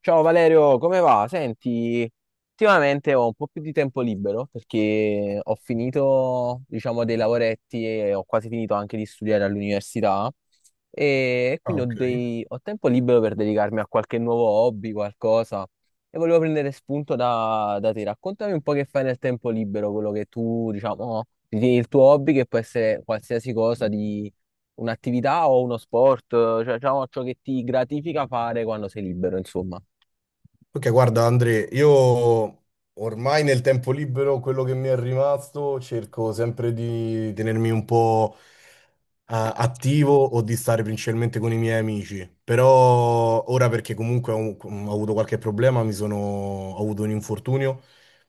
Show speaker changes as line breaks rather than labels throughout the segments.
Ciao Valerio, come va? Senti, ultimamente ho un po' più di tempo libero perché ho finito, diciamo, dei lavoretti e ho quasi finito anche di studiare all'università e
Ah,
quindi
ok.
ho tempo libero per dedicarmi a qualche nuovo hobby, qualcosa. E volevo prendere spunto da te. Raccontami un po' che fai nel tempo libero, quello che tu, diciamo, ritieni il tuo hobby, che può essere qualsiasi cosa di un'attività o uno sport, cioè diciamo, ciò che ti gratifica fare quando sei libero, insomma.
Ok, guarda Andre, io ormai nel tempo libero, quello che mi è rimasto, cerco sempre di tenermi un po' attivo o di stare principalmente con i miei amici. Però ora perché comunque ho avuto qualche problema, ho avuto un infortunio,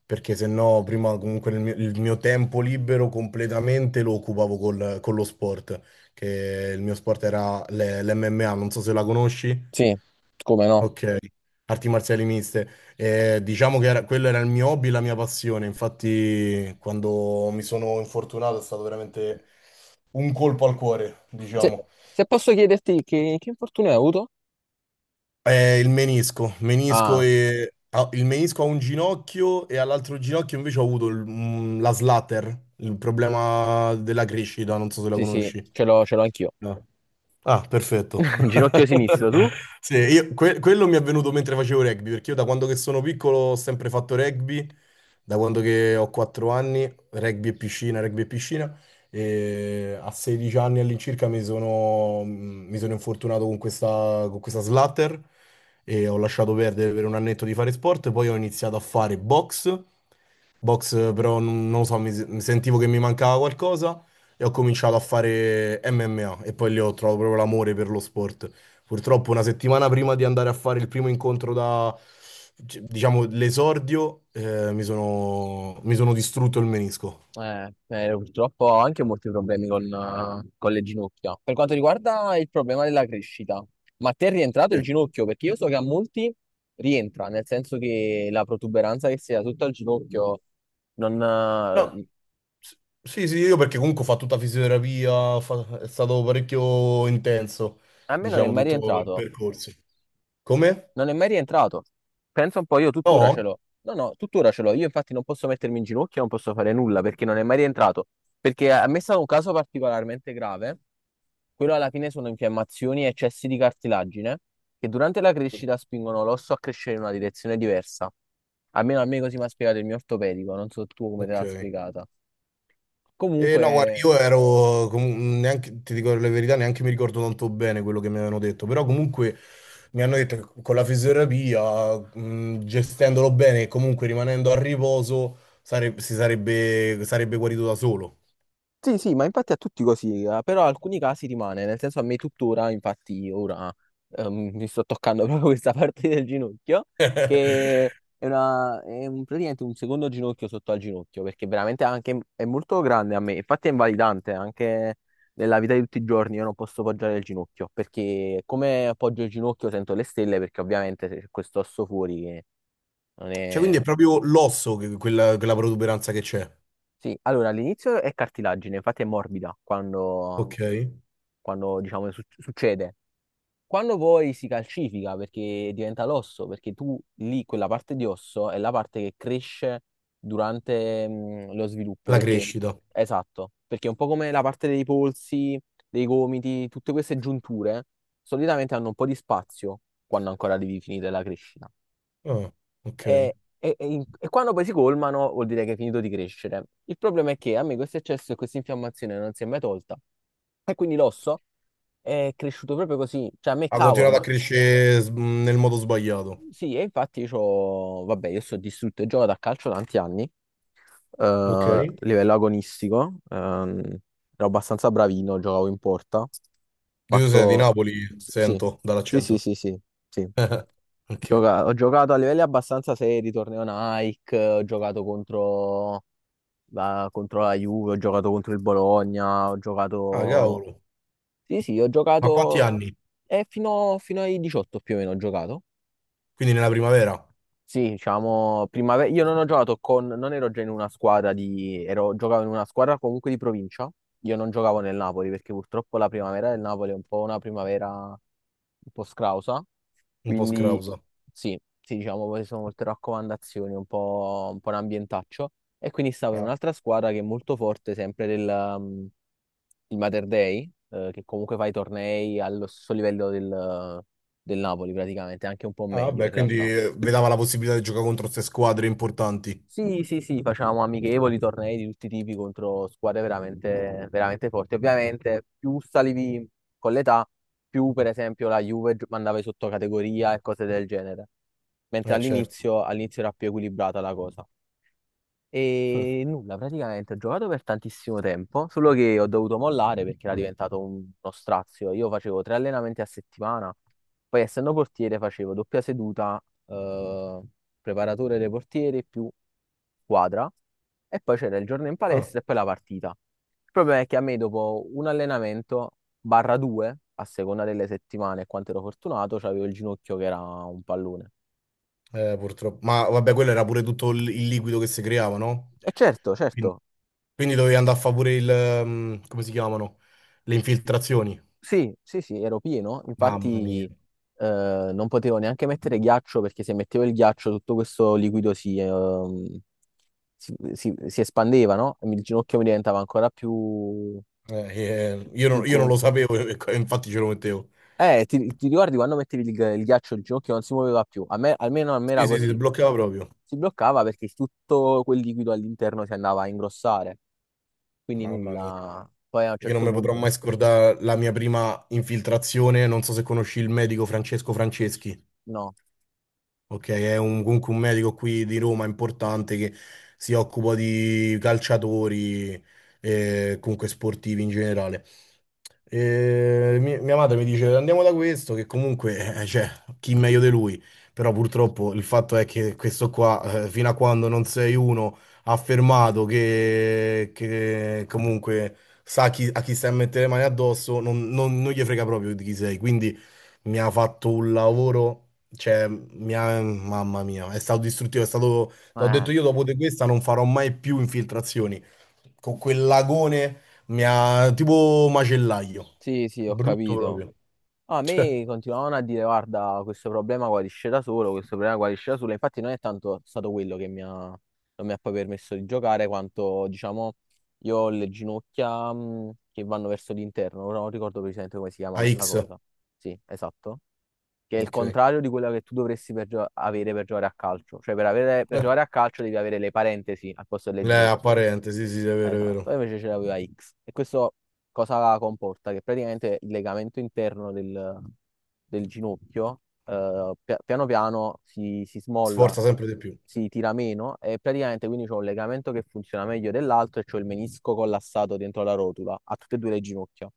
perché se no prima comunque il mio tempo libero completamente lo occupavo con lo sport, che il mio sport era l'MMA, non so se la conosci.
Sì, come no?
Ok, arti marziali miste. Quello era il mio hobby, la mia passione. Infatti, quando mi sono infortunato è stato veramente un colpo al cuore,
Se,
diciamo.
se posso chiederti che infortunio hai avuto?
Il menisco. Menisco
Ah,
e... il menisco a un ginocchio e all'altro ginocchio invece ho avuto la slatter, il problema della crescita, non so se la
sì, sì,
conosci.
ce l'ho anch'io.
No. Ah, perfetto.
Ginocchio
Io-
sinistro, tu?
Sì, quello mi è venuto mentre facevo rugby, perché io da quando che sono piccolo ho sempre fatto rugby, da quando che ho 4 anni, rugby e piscina, e a 16 anni all'incirca mi sono infortunato con con questa slatter e ho lasciato perdere per un annetto di fare sport, poi ho iniziato a fare box, però non lo so, mi sentivo che mi mancava qualcosa e ho cominciato a fare MMA e poi lì ho trovato proprio l'amore per lo sport. Purtroppo una settimana prima di andare a fare il primo incontro da, c- diciamo, l'esordio, mi sono distrutto il menisco.
Purtroppo ho anche molti problemi con le ginocchia. Per quanto riguarda il problema della crescita, ma a te è rientrato il
Sì.
ginocchio? Perché io so che a molti rientra, nel senso che la protuberanza che si ha tutto al ginocchio non,
No, s- sì, sì, io perché comunque ho fatto tutta fisioterapia, è stato parecchio intenso,
a me non è
diciamo,
mai
tutto il
rientrato.
percorso. Come?
Non è mai rientrato. Pensa un po', io tuttora ce
No?
l'ho. No, no, tuttora ce l'ho. Io infatti non posso mettermi in ginocchio, non posso fare nulla perché non è mai rientrato. Perché a me è stato un caso particolarmente grave. Quello alla fine sono infiammazioni e eccessi di cartilagine che durante la crescita spingono l'osso a crescere in una direzione diversa. Almeno a me così mi ha spiegato il mio ortopedico, non so tu come te
Ok.
l'ha spiegata.
E no, guarda,
Comunque.
neanche, ti dico la verità, neanche mi ricordo tanto bene quello che mi avevano detto, però comunque mi hanno detto che con la fisioterapia, gestendolo bene e comunque rimanendo a riposo, sarebbe guarito da solo.
Sì, sì, ma infatti a tutti così, però alcuni casi rimane, nel senso a me tuttora, infatti ora mi sto toccando proprio questa parte del ginocchio, che è, praticamente un secondo ginocchio sotto al ginocchio, perché veramente anche, è molto grande a me, infatti è invalidante anche nella vita di tutti i giorni, io non posso poggiare il ginocchio, perché come appoggio il ginocchio sento le stelle, perché ovviamente c'è questo osso fuori che non
Cioè, quindi
è.
è proprio l'osso, quella, quella protuberanza che c'è,
Sì, allora all'inizio è cartilagine, infatti è morbida quando
ok?
quando diciamo succede. Quando poi si calcifica perché diventa l'osso, perché tu lì quella parte di osso è la parte che cresce durante lo sviluppo,
La
perché
crescita.
esatto, perché è un po' come la parte dei polsi, dei gomiti, tutte queste giunture solitamente hanno un po' di spazio quando ancora devi finire la crescita.
Ah, ok.
E quando poi si colmano vuol dire che è finito di crescere. Il problema è che a me questo eccesso e questa infiammazione non si è mai tolta e quindi l'osso è cresciuto proprio così, cioè a me
Ha
cavolo,
continuato a
ma
crescere nel modo sbagliato,
sì, e infatti c'ho, vabbè, io sto distrutto e gioco da calcio tanti anni,
ok?
a livello agonistico, ero abbastanza bravino, giocavo in porta, ho
Tu sei di
fatto,
Napoli,
sì,
sento
sì, sì,
dall'accento.
sì, sì, sì.
Ok.
Ho giocato a livelli abbastanza seri, torneo Nike, ho giocato contro la Juve, ho giocato contro il Bologna, ho
Ah,
giocato.
cavolo.
Sì, sì, ho
Ma quanti
giocato
anni?
fino ai 18 più o meno ho giocato.
Quindi nella primavera?
Sì, diciamo, primavera. Io non ho giocato con. Non ero già in una squadra di. Ero, giocavo in una squadra comunque di provincia. Io non giocavo nel Napoli perché purtroppo la primavera del Napoli è un po' una primavera un po' scrausa.
Un po'
Quindi
scrausa.
sì, sì, diciamo, poi sono molte raccomandazioni, un po' un ambientaccio. E quindi stavo in
Ah,
un'altra squadra che è molto forte, sempre il Mater Dei, che comunque fa i tornei allo stesso livello del Napoli praticamente, anche un po'
ah,
meglio
vabbè,
in
quindi
realtà.
vedava la possibilità di giocare contro queste squadre importanti.
Sì, sì, sì, facciamo amichevoli, tornei di tutti i tipi contro squadre veramente, veramente forti. Ovviamente più salivi con l'età, più per esempio la Juve mandava in sottocategoria e cose del genere. Mentre
Certo.
all'inizio era più equilibrata la cosa. E nulla, praticamente ho giocato per tantissimo tempo, solo che ho dovuto mollare perché era diventato uno strazio. Io facevo tre allenamenti a settimana, poi essendo portiere facevo doppia seduta, eh, preparatore dei portieri più squadra, e poi c'era il giorno in
Ah,
palestra e poi la partita. Il problema è che a me dopo un allenamento, barra due, a seconda delle settimane e quanto ero fortunato, c'avevo il ginocchio che era un pallone.
purtroppo. Ma vabbè, quello era pure tutto il liquido che si creava, no?
E certo, certo.
Quindi, quindi dovevi andare a favore il... come si chiamano? Le infiltrazioni.
Sì, sì, sì, ero pieno,
Mamma mia.
infatti non potevo neanche mettere ghiaccio perché se mettevo il ghiaccio tutto questo liquido si espandeva, no? E il ginocchio mi diventava ancora più,
Eh,
più, più
io non lo
gonfio.
sapevo, e infatti ce lo mettevo.
Ti ricordi quando mettevi il ghiaccio il ginocchio non si muoveva più? A me, almeno a me era
Sì, sì, sì, si
così.
bloccava proprio.
Si bloccava perché tutto quel liquido all'interno si andava a ingrossare, quindi
Mamma mia.
nulla. Poi a un
Io non
certo
mi potrò
punto,
mai scordare la mia prima infiltrazione. Non so se conosci il medico Francesco Franceschi.
no.
Ok, è comunque un medico qui di Roma importante che si occupa di calciatori e comunque sportivi in generale. E mia madre mi dice andiamo da questo, che comunque cioè, chi meglio di lui? Però purtroppo il fatto è che questo qua, fino a quando non sei uno affermato che comunque a chi stai a mettere le mani addosso, non gli frega proprio di chi sei. Quindi mi ha fatto un lavoro. Cioè, mamma mia, è stato distruttivo, è stato... T'ho
Eh,
detto io dopo di questa non farò mai più infiltrazioni. Con quel lagone mi ha... tipo macellaio.
sì, sì, ho
Brutto
capito.
proprio.
A
Cioè,
me continuavano a dire, guarda, questo problema guarisce da solo, questo problema guarisce da solo. Infatti non è tanto stato quello che mi ha, non mi ha poi permesso di giocare, quanto, diciamo, io ho le ginocchia che vanno verso l'interno. Ora non ricordo precisamente come si chiama
a
questa
X.
cosa. Sì, esatto. Che è il
Ok.
contrario di quella che tu dovresti avere per giocare a calcio. Cioè, per giocare a calcio devi avere le parentesi al posto delle
È
ginocchia.
apparente, sì, sì, è vero, è
Esatto, e
vero.
invece ce l'aveva X. E questo cosa comporta? Che praticamente il legamento interno del ginocchio piano piano si smolla,
Sforza sempre di più.
si tira meno e praticamente quindi c'ho un legamento che funziona meglio dell'altro e c'ho il menisco collassato dentro la rotula, a tutte e due le ginocchia.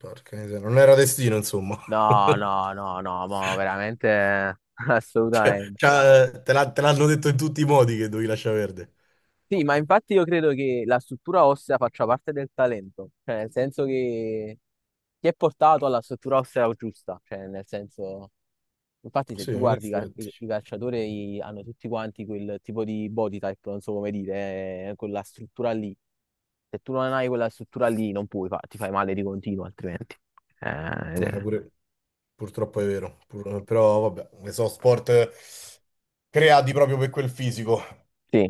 Porca miseria, non era destino, insomma.
No, no, no, no, ma veramente assolutamente.
Cioè, te l'hanno detto in tutti i modi che dovevi lasciare verde.
Sì, ma infatti io credo che la struttura ossea faccia parte del talento, cioè nel senso che ti è portato alla struttura ossea giusta, cioè nel senso, infatti se
Sì,
tu
in
guardi i, cal-
effetti.
i- i calciatori hanno tutti quanti quel tipo di body type, non so come dire, quella struttura lì. Se tu non hai quella struttura lì non puoi, ti fai male di continuo altrimenti. Eh, ed è-
Pure... Purtroppo è vero, però vabbè, so sport creati proprio per quel fisico.
sì,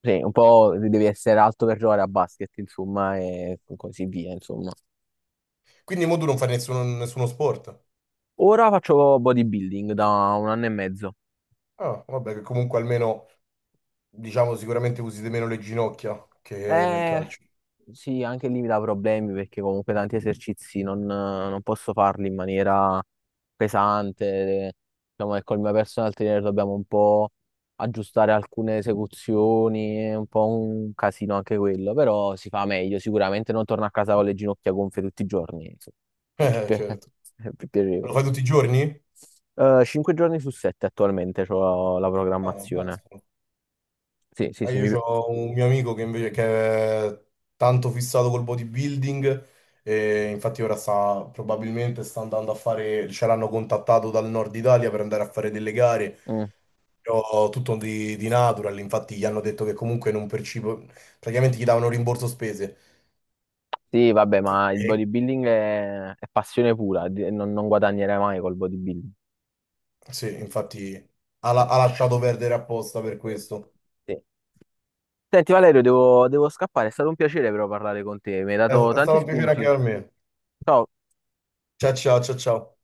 sì, un po' devi essere alto per giocare a basket, insomma, e così via, insomma.
Quindi mo tu non fai nessuno sport.
Ora faccio bodybuilding da un anno e mezzo.
Ah, vabbè, che comunque almeno, diciamo, sicuramente usi di meno le ginocchia che nel
Eh,
calcio.
sì, anche lì mi dà problemi perché comunque tanti esercizi non posso farli in maniera pesante. Diciamo che col mio personal trainer dobbiamo un po' aggiustare alcune esecuzioni, è un po' un casino anche quello, però si fa meglio. Sicuramente non torno a casa con le ginocchia gonfie tutti i giorni, insomma. È più, pi-
Certo.
è più
Lo
piacevole.
fai tutti i giorni?
Cinque giorni su sette attualmente ho la
Ah, ammazza.
programmazione. Sì, sì, sì,
Io ho un mio amico che è tanto fissato col bodybuilding e infatti ora sta, probabilmente sta andando a fare, ce l'hanno contattato dal nord Italia per andare a fare delle gare.
mm.
Però tutto di natural, infatti gli hanno detto che comunque non percibo, praticamente gli davano rimborso spese.
Sì, vabbè, ma il
E
bodybuilding è passione pura, non guadagnerai mai col bodybuilding.
sì, infatti
Cioè,
ha lasciato perdere apposta per questo.
sì. Senti Valerio, devo scappare, è stato un piacere però parlare con te, mi hai dato
È
tanti
stato un piacere anche
spunti.
per me.
Ciao.
Ciao ciao ciao ciao.